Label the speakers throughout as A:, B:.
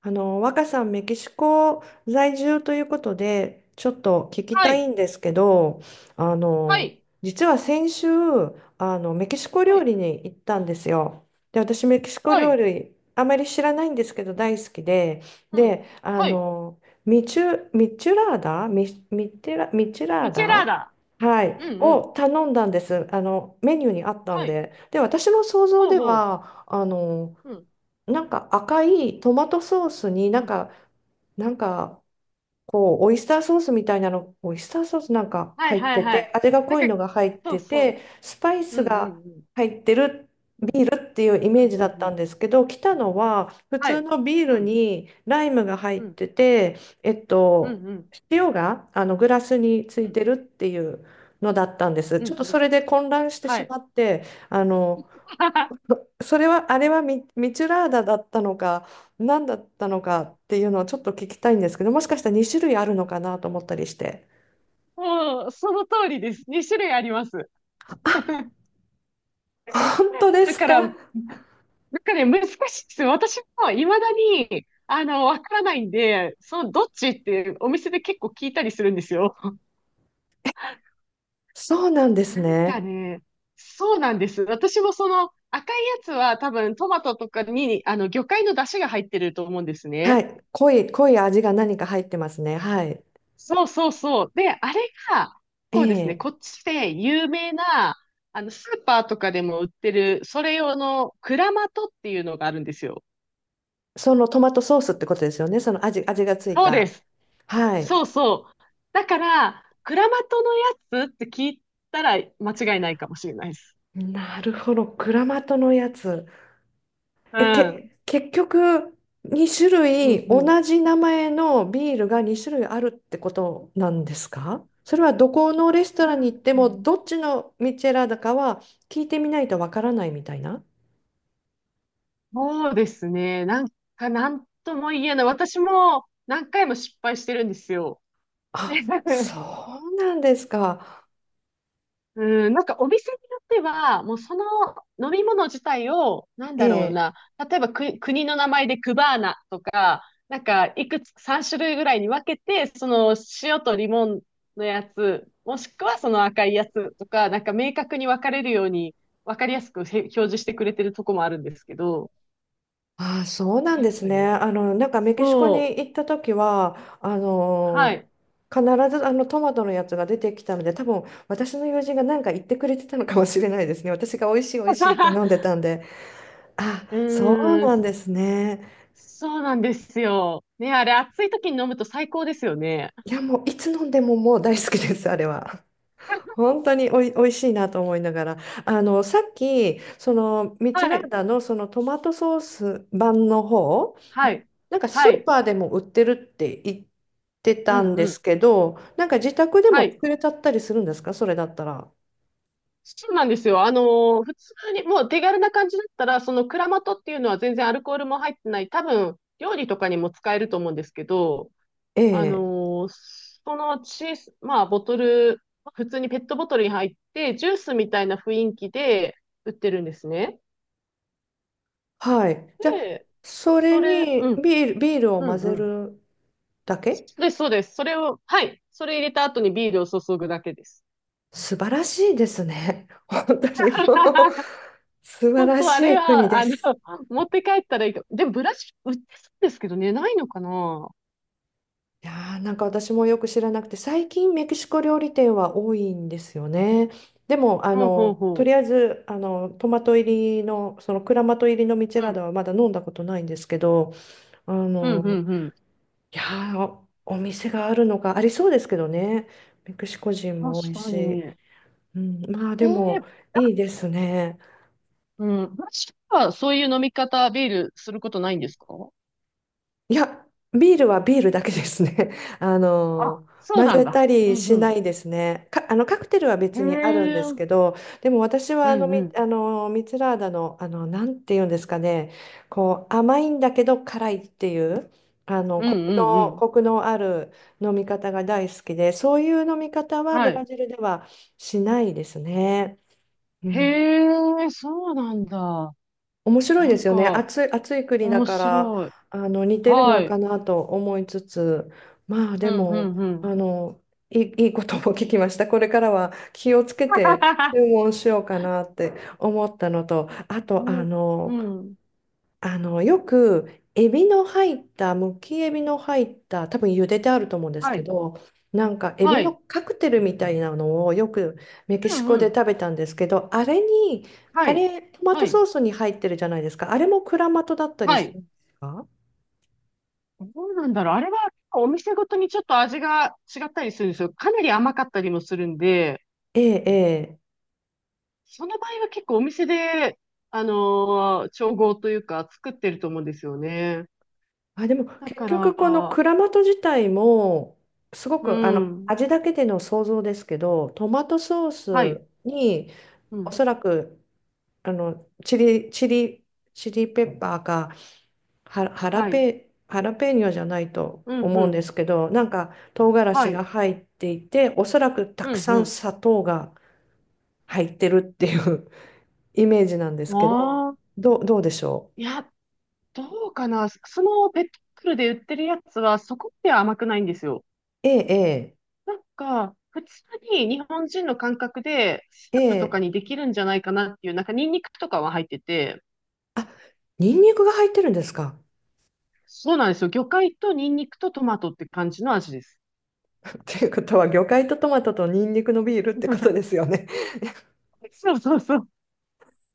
A: 若さん、メキシコ在住ということで、ちょっと聞き
B: は
A: たい
B: い。
A: んですけど、あ
B: は
A: の、
B: い。
A: 実は先週、メキシコ
B: は
A: 料
B: い。
A: 理に行ったんですよ。で、私、メキシコ
B: は
A: 料
B: い。
A: 理、あまり知らないんですけど、大好きで、
B: うん。
A: で、
B: はい。
A: ミチュラ
B: ミ
A: ー
B: チェラー
A: ダ、
B: ダ。
A: は
B: う
A: い、
B: んうん。
A: を頼んだんです。あの、メニューにあったん
B: はい。
A: で。で、私の想像
B: ほう
A: で
B: ほう。
A: は、
B: うん。
A: なんか赤いトマトソースにな
B: う
A: ん
B: ん。
A: か、なんかこうオイスターソースみたいなの、オイスターソースなんか
B: はい
A: 入っ
B: はい
A: て
B: は
A: て、
B: い。
A: 味が
B: なん
A: 濃い
B: か、
A: のが入っ
B: そう
A: て
B: そ
A: て、スパイ
B: う。う
A: ス
B: んうんう
A: が
B: ん。
A: 入ってるビールっていうイ
B: う
A: メー
B: ん
A: ジ
B: う
A: だっ
B: んう
A: た
B: ん。
A: んですけど、来たのは普
B: は
A: 通
B: い。
A: のビー
B: う
A: ル
B: ん。
A: にライムが入
B: う
A: っ
B: ん。
A: てて、えっ
B: うん
A: と、
B: うん。
A: 塩があのグラスにつ
B: う
A: い
B: ん。
A: てるっていうのだったんです。
B: うん
A: ちょっと
B: う
A: そ
B: ん。
A: れで混乱してし
B: はい。
A: まって、あの、それは、ミチュラーダだったのか、何だったのかっていうのをちょっと聞きたいんですけど、もしかしたら2種類あるのかなと思ったりして。
B: もう、その通りです。2種類あります。
A: 本当で
B: だ
A: す
B: か
A: か？
B: ら、なんかね、難しいです。私も未だに、わからないんで、どっちってお店で結構聞いたりするんですよ。
A: そうなんです
B: なんか
A: ね。
B: ね、そうなんです。私もその赤いやつは多分トマトとかに魚介の出汁が入ってると思うんです
A: は
B: ね。
A: い。濃い味が何か入ってますね。はい。
B: そうそうそう。で、あれが、
A: え
B: こうですね、
A: え。
B: こっちで有名な、スーパーとかでも売ってる、それ用のクラマトっていうのがあるんですよ。
A: そのトマトソースってことですよね。味がつい
B: そうで
A: た。
B: す。
A: はい。
B: そうそう。だから、クラマトのやつって聞いたら間違いないかもしれないです。
A: なるほど。クラマトのやつ。
B: うん。
A: 結局、2種
B: うん
A: 類、
B: うん。
A: 同じ名前のビールが2種類あるってことなんですか？それはどこのレスト
B: う
A: ランに行っても、
B: ん。
A: どっちのミチェラだかは聞いてみないとわからないみたいな。
B: そうですね。なんか、なんとも言えない。私も何回も失敗してるんですよ。で
A: あ、そうなんですか。
B: うん、なんかお店によっては、もうその飲み物自体を、なん
A: え
B: だろう
A: え。
B: な、例えば国の名前でクバーナとか、なんかいくつ、3種類ぐらいに分けて、その塩とリモンのやつ、もしくはその赤いやつとか、なんか明確に分かれるように、分かりやすくへ表示してくれてるとこもあるんですけど、
A: あ、そうなん
B: な
A: で
B: ん
A: す
B: か
A: ね。あ
B: ね、
A: の、なんかメキシコに
B: そう、
A: 行った時は、あ
B: は
A: の、
B: い。
A: 必ずあのトマトのやつが出てきたので、多分私の友人が何か言ってくれてたのかもしれないですね。私が美味しい美味しいって飲んで たんで。あ、
B: う
A: そう
B: ーん、
A: なん
B: そ
A: ですね。
B: そうなんですよ。ね、あれ、暑い時に飲むと最高ですよね。
A: いや、もういつ飲んでももう大好きです、あれは。本当におい、おいしいなと思いながら。あの、さっき、その、ミチュ
B: は
A: ラー
B: い、
A: ダのそのトマトソース版の方、
B: はい、
A: なんかスー
B: はい、
A: パーでも売ってるって言って
B: う
A: たん
B: ん、
A: で
B: うん、
A: すけど、なんか自宅で
B: は
A: も
B: い。
A: 作れちゃったりするんですか？それだったら。
B: そうなんですよ。普通に、もう手軽な感じだったら、そのクラマトっていうのは全然アルコールも入ってない、多分、料理とかにも使えると思うんですけど、
A: え
B: あ
A: え。
B: のーその小さ、まあ、ボトル、普通にペットボトルに入って、ジュースみたいな雰囲気で売ってるんですね。
A: はい。じゃあ、
B: で、
A: それ
B: それ、う
A: に
B: ん。
A: ビールを
B: う
A: 混
B: ん
A: ぜ
B: うん。
A: るだ
B: そ
A: け。
B: うです、そうです。それを、はい。それ入れた後にビールを注ぐだけです。
A: 素晴らしいですね。本当にもう 素晴
B: 本
A: ら
B: 当あ
A: し
B: れ
A: い国
B: は、
A: です。
B: 持って帰ったらいいか。でも、ブラシ売ってそうですけどね、ないのかな。ほ
A: いやーなんか私もよく知らなくて、最近メキシコ料理店は多いんですよね。でも、あ
B: うほ
A: の、
B: うほ
A: と
B: う。
A: りあえず、あの、トマト入りの、そのクラマト入りのミチ
B: う
A: ェラー
B: ん、
A: ダはまだ飲んだことないんですけど、あ
B: うん、う
A: の、
B: ん、うん。
A: いやーお店があるのがありそうですけどね。メキシコ人も多い
B: 確かに。
A: し。うん、まあで
B: ー、
A: も、いいですね。
B: うん。ブラシはそういう飲み方、ビールすることないんですか？
A: いや、ビールはビールだけですね。あ
B: あ、
A: の、
B: そう
A: 混
B: なん
A: ぜた
B: だ。う
A: り
B: ん、う
A: しな
B: ん。
A: いですね。か、あの、カクテルは
B: へ
A: 別にあるん
B: え。
A: です
B: うん、
A: けど、でも私は
B: う
A: あの、
B: ん。
A: ミツラーダの、あの、なんていうんですかね、こう、甘いんだけど辛いっていう、あの、
B: うん、うん、うん。
A: コクのある飲み方が大好きで、そういう飲み方はブ
B: は
A: ラ
B: い。
A: ジルではしないですね。う
B: へ
A: ん。
B: え、そうなんだ。
A: 面白い
B: な
A: で
B: ん
A: すよね。
B: か、
A: 暑い国だ
B: 面
A: から、
B: 白い。
A: あの、似てる
B: は
A: のか
B: い。
A: なと思いつつ、まあ
B: う
A: で
B: ん、う
A: も、
B: ん、うん。
A: あの、いいことも聞きました。これからは気をつけて 注文しようかなって思ったのと、あと、
B: う
A: あ
B: ん、
A: の、
B: うん。
A: あの、よく、エビの入った、むきエビの入った、多分茹でてあると思うんです
B: は
A: け
B: い。
A: ど、なんか、エビ
B: は
A: の
B: い。
A: カクテルみたいなのをよくメキ
B: う
A: シ
B: ん、
A: コ
B: う
A: で
B: ん。
A: 食べたんですけど、あれに、
B: は
A: あ
B: い。
A: れ、トマ
B: は
A: トソ
B: い。
A: ースに入ってるじゃないですか。あれもクラマトだったり
B: は
A: する
B: い。
A: んですか？
B: どうなんだろう。あれは、お店ごとにちょっと味が違ったりするんですよ。かなり甘かったりもするんで、
A: ええ、ええ。
B: その場合は結構お店で、調合というか作ってると思うんですよね。
A: あ、でも、
B: だ
A: 結
B: か
A: 局、この
B: ら、
A: クラマト自体も、すご
B: う
A: く、あの、
B: ん。
A: 味だけでの想像ですけど、トマトソー
B: はい。
A: スに、
B: う
A: お
B: ん。
A: そらくあの、チリペッパーか、
B: はい。
A: ハラペーニョじゃないと
B: うん、
A: 思
B: う
A: うんで
B: ん。
A: すけど、なんか唐辛
B: は
A: 子が
B: い。
A: 入っていて、おそらくた
B: う
A: く
B: ん、
A: さん
B: う
A: 砂糖が入ってるっていう イメージなんで
B: ん。
A: すけど、
B: ああ。
A: どうでしょ
B: いや、どうかな。そのペットボトルで売ってるやつはそこまでは甘くないんですよ。
A: う？ええ、
B: なんか、普通に日本人の感覚でス
A: ええ、
B: ー
A: え
B: プとか
A: え、
B: にできるんじゃないかなっていう、なんかニンニクとかは入ってて、
A: あ、ニンニクが入ってるんですか？
B: そうなんですよ。魚介とニンニクとトマトって感じの味です。
A: っていうことは、魚介とトマトとニンニクのビールってことです よね。
B: そうそうそう。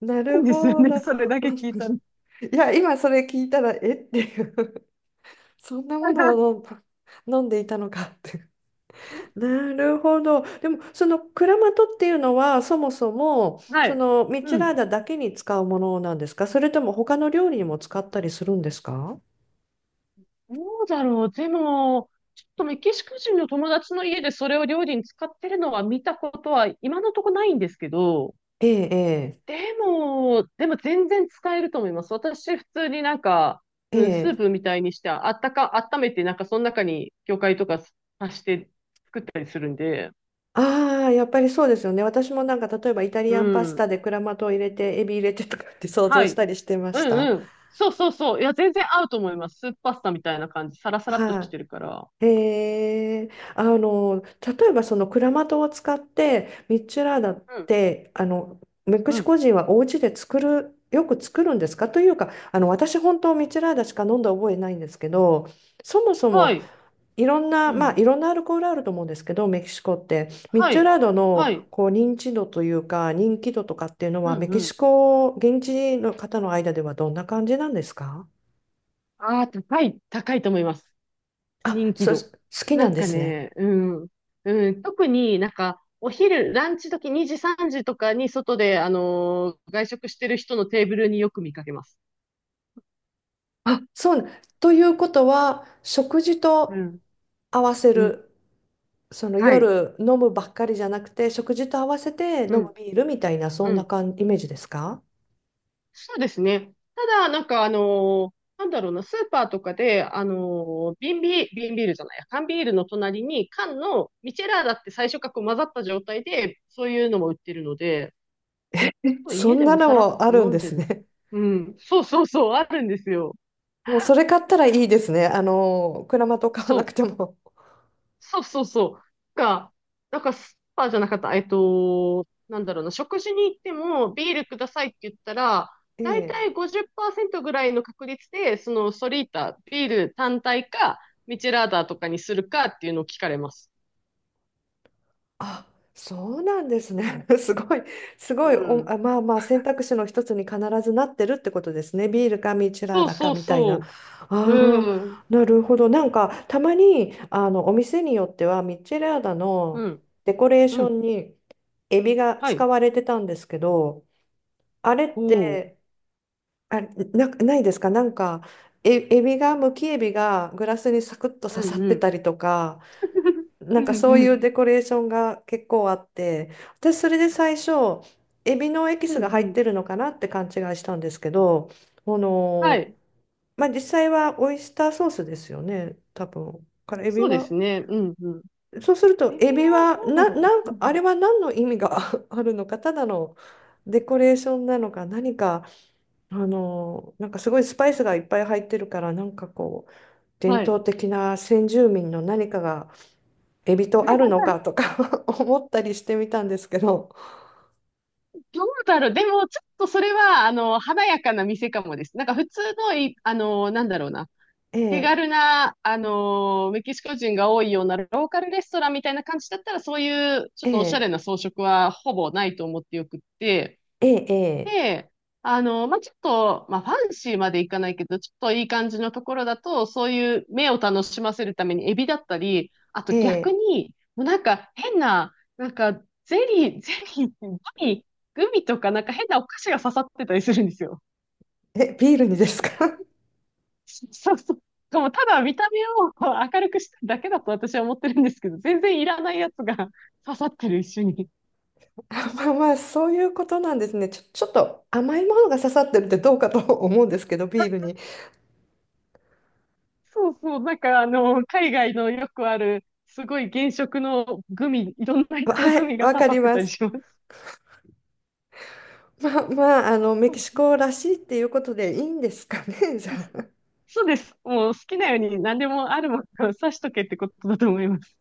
A: な
B: そ
A: る
B: うですよ
A: ほ
B: ね。
A: ど。
B: それだけ聞 いたの。
A: いや、今それ聞いたら、えっていう、そんなものを 飲んでいたのかって。なるほど。でも、そのクラマトっていうのは、そもそも、
B: は
A: そ
B: い。
A: のミッチェ
B: う
A: ラー
B: ん。
A: ダだけに使うものなんですか？それとも他の料理にも使ったりするんですか？
B: どうだろう。でも、ちょっとメキシコ人の友達の家でそれを料理に使ってるのは見たことは今のところないんですけど、
A: ええ、
B: でも全然使えると思います。私、普通になんか、
A: ええ、
B: うん、スー
A: ええ。
B: プみたいにして、あったか、温めて、なんかその中に魚介とか足して作ったりするんで、
A: ああ、やっぱりそうですよね。私もなんか、例えばイタリ
B: う
A: アンパス
B: ん。
A: タでクラマトを入れて、エビ入れてとかって想
B: は
A: 像し
B: い。
A: たりしてま
B: う
A: した。
B: んうん。そうそうそう。いや、全然合うと思います。スープパスタみたいな感じ。サラサラっとし
A: は
B: てるから。
A: い、へえ、あの、例えばそのクラマトを使ってミッチュラーダっ
B: うん。
A: て、あのメキ
B: う
A: シ
B: ん。
A: コ人はお家で作る、よく作るんですか？というか、あの私本当ミッチュラーダしか飲んだ覚えないんですけど、そもそ
B: は
A: も
B: い。
A: いろんな、
B: う
A: まあ
B: ん。
A: いろんなアルコールあると思うんですけど、メキシコってミッ
B: は
A: チュ
B: い。
A: ラーダ
B: は
A: の
B: い。
A: こう認知度というか人気度とかっていうの
B: うん
A: は、メ
B: う
A: キ
B: ん。
A: シコ現地の方の間ではどんな感じなんですか？
B: ああ、高い、高いと思います。
A: あ、
B: 人気
A: そ、好
B: 度。
A: き
B: な
A: な
B: ん
A: んで
B: か
A: すね。
B: ね、うん。うん、特になんか、お昼、ランチ時2時、3時とかに外で、外食してる人のテーブルによく見かけます。
A: あ、そうな。ということは、食事
B: う
A: と
B: ん。
A: 合わせ
B: うん。
A: る、その
B: はい。
A: 夜飲むばっかりじゃなくて、食事と合わせて
B: う
A: 飲む
B: ん。
A: ビールみたいな、そん
B: う
A: な
B: ん。
A: 感イメージですか？
B: そうですね。ただ、なんかなんだろうな、スーパーとかで、瓶ビール、瓶ビールじゃないや、缶ビールの隣に缶のミチェラーだって最初からこう混ざった状態で、そういうのも売ってるので、
A: そ
B: 家
A: ん
B: で
A: な
B: も
A: の
B: さらっ
A: もあ
B: と
A: るん
B: 飲ん
A: で
B: で
A: す
B: る。
A: ね。
B: うん、そうそうそう、あるんですよ。
A: もうそれ買ったらいいですね。あの、クラマト買わ
B: そ
A: な
B: う。
A: くても。
B: そうそうそう。が、なんかスーパーじゃなかった。なんだろうな。食事に行ってもビールくださいって言ったら、だい
A: え
B: たい
A: え。
B: 50%ぐらいの確率で、そのソリータ、ビール単体か、ミチェラーダとかにするかっていうのを聞かれます。
A: あ、そうなんですね。すごい、す
B: う
A: ごいお、
B: ん。
A: あ、まあまあ選択肢の一つに必ずなってるってことですね。ビールかミチラー
B: そう
A: ダか
B: そう
A: みたいな。
B: そ
A: あ
B: う。うん。
A: あ、なるほど。なんかたまにあのお店によってはミチラーダ
B: う
A: の
B: ん。
A: デコレーシ
B: う
A: ョ
B: ん。
A: ンにエビが
B: は
A: 使
B: い。
A: われてたんですけど、あれっ
B: ほう。
A: て、あ、ないですか？なんか、え、エビが、むきエビがグラスにサクッと
B: う
A: 刺さ
B: ん
A: っ
B: う
A: てた
B: ん。
A: りとか。な
B: う
A: ん
B: ん
A: かそう
B: う
A: いう
B: ん。
A: デコレーションが結構あって、私それで最初、エビのエキ
B: う
A: スが
B: んう
A: 入って
B: ん。
A: るのかなって勘違いしたんですけど、こ
B: は
A: の、
B: い。
A: まあ実際はオイスターソースですよね、多分。からエビ
B: そうで
A: は、
B: すね。うんうん。
A: そうすると
B: レビュー
A: エビ
B: は
A: は、
B: どうだろ
A: あれは何の意味が あるのか、ただのデコレーションなのか、何か、あの、なんかすごいスパイスがいっぱい入ってるから、なんかこう、
B: う。
A: 伝
B: は
A: 統
B: い。
A: 的な先住民の何かが、エビとあるのかと か 思ったりしてみたんですけど、
B: どうだろう。でも、ちょっとそれは、華やかな店かもです。なんか普通のい、あの、なんだろうな。
A: え
B: 手
A: え、
B: 軽な、メキシコ人が多いようなローカルレストランみたいな感じだったら、そういう、ちょっ
A: え
B: とおしゃ
A: え、
B: れな装飾はほぼないと思ってよくって、
A: ええ、
B: で、まあ、ちょっと、まあ、ファンシーまでいかないけど、ちょっといい感じのところだと、そういう目を楽しませるためにエビだったり、あと
A: え
B: 逆
A: え、
B: に、もうなんか変な、なんかゼリー、グミとかなんか変なお菓子が刺さってたりするんですよ。
A: ええ、ビールにですか？
B: そうそう。でもただ見た目を明るくしただけだと私は思ってるんですけど、全然いらないやつが 刺さってる一緒に。
A: あまあまあ、そういうことなんですね。ちょっと甘いものが刺さってるってどうかと 思うんですけど、ビールに。
B: そうそう、なんか海外のよくある、すごい原色のグミ、いろんな色の
A: は
B: グ
A: い、
B: ミが
A: わ
B: 刺
A: か
B: さ
A: り
B: って
A: ま
B: たり
A: す。
B: します。
A: まあまあ、あの、メ
B: そ
A: キ
B: うそ
A: シコらしいっていうことでいいんですかね、じ
B: う
A: ゃあ。
B: そうです。もう好きなように何でもあるものを刺しとけってことだと思います。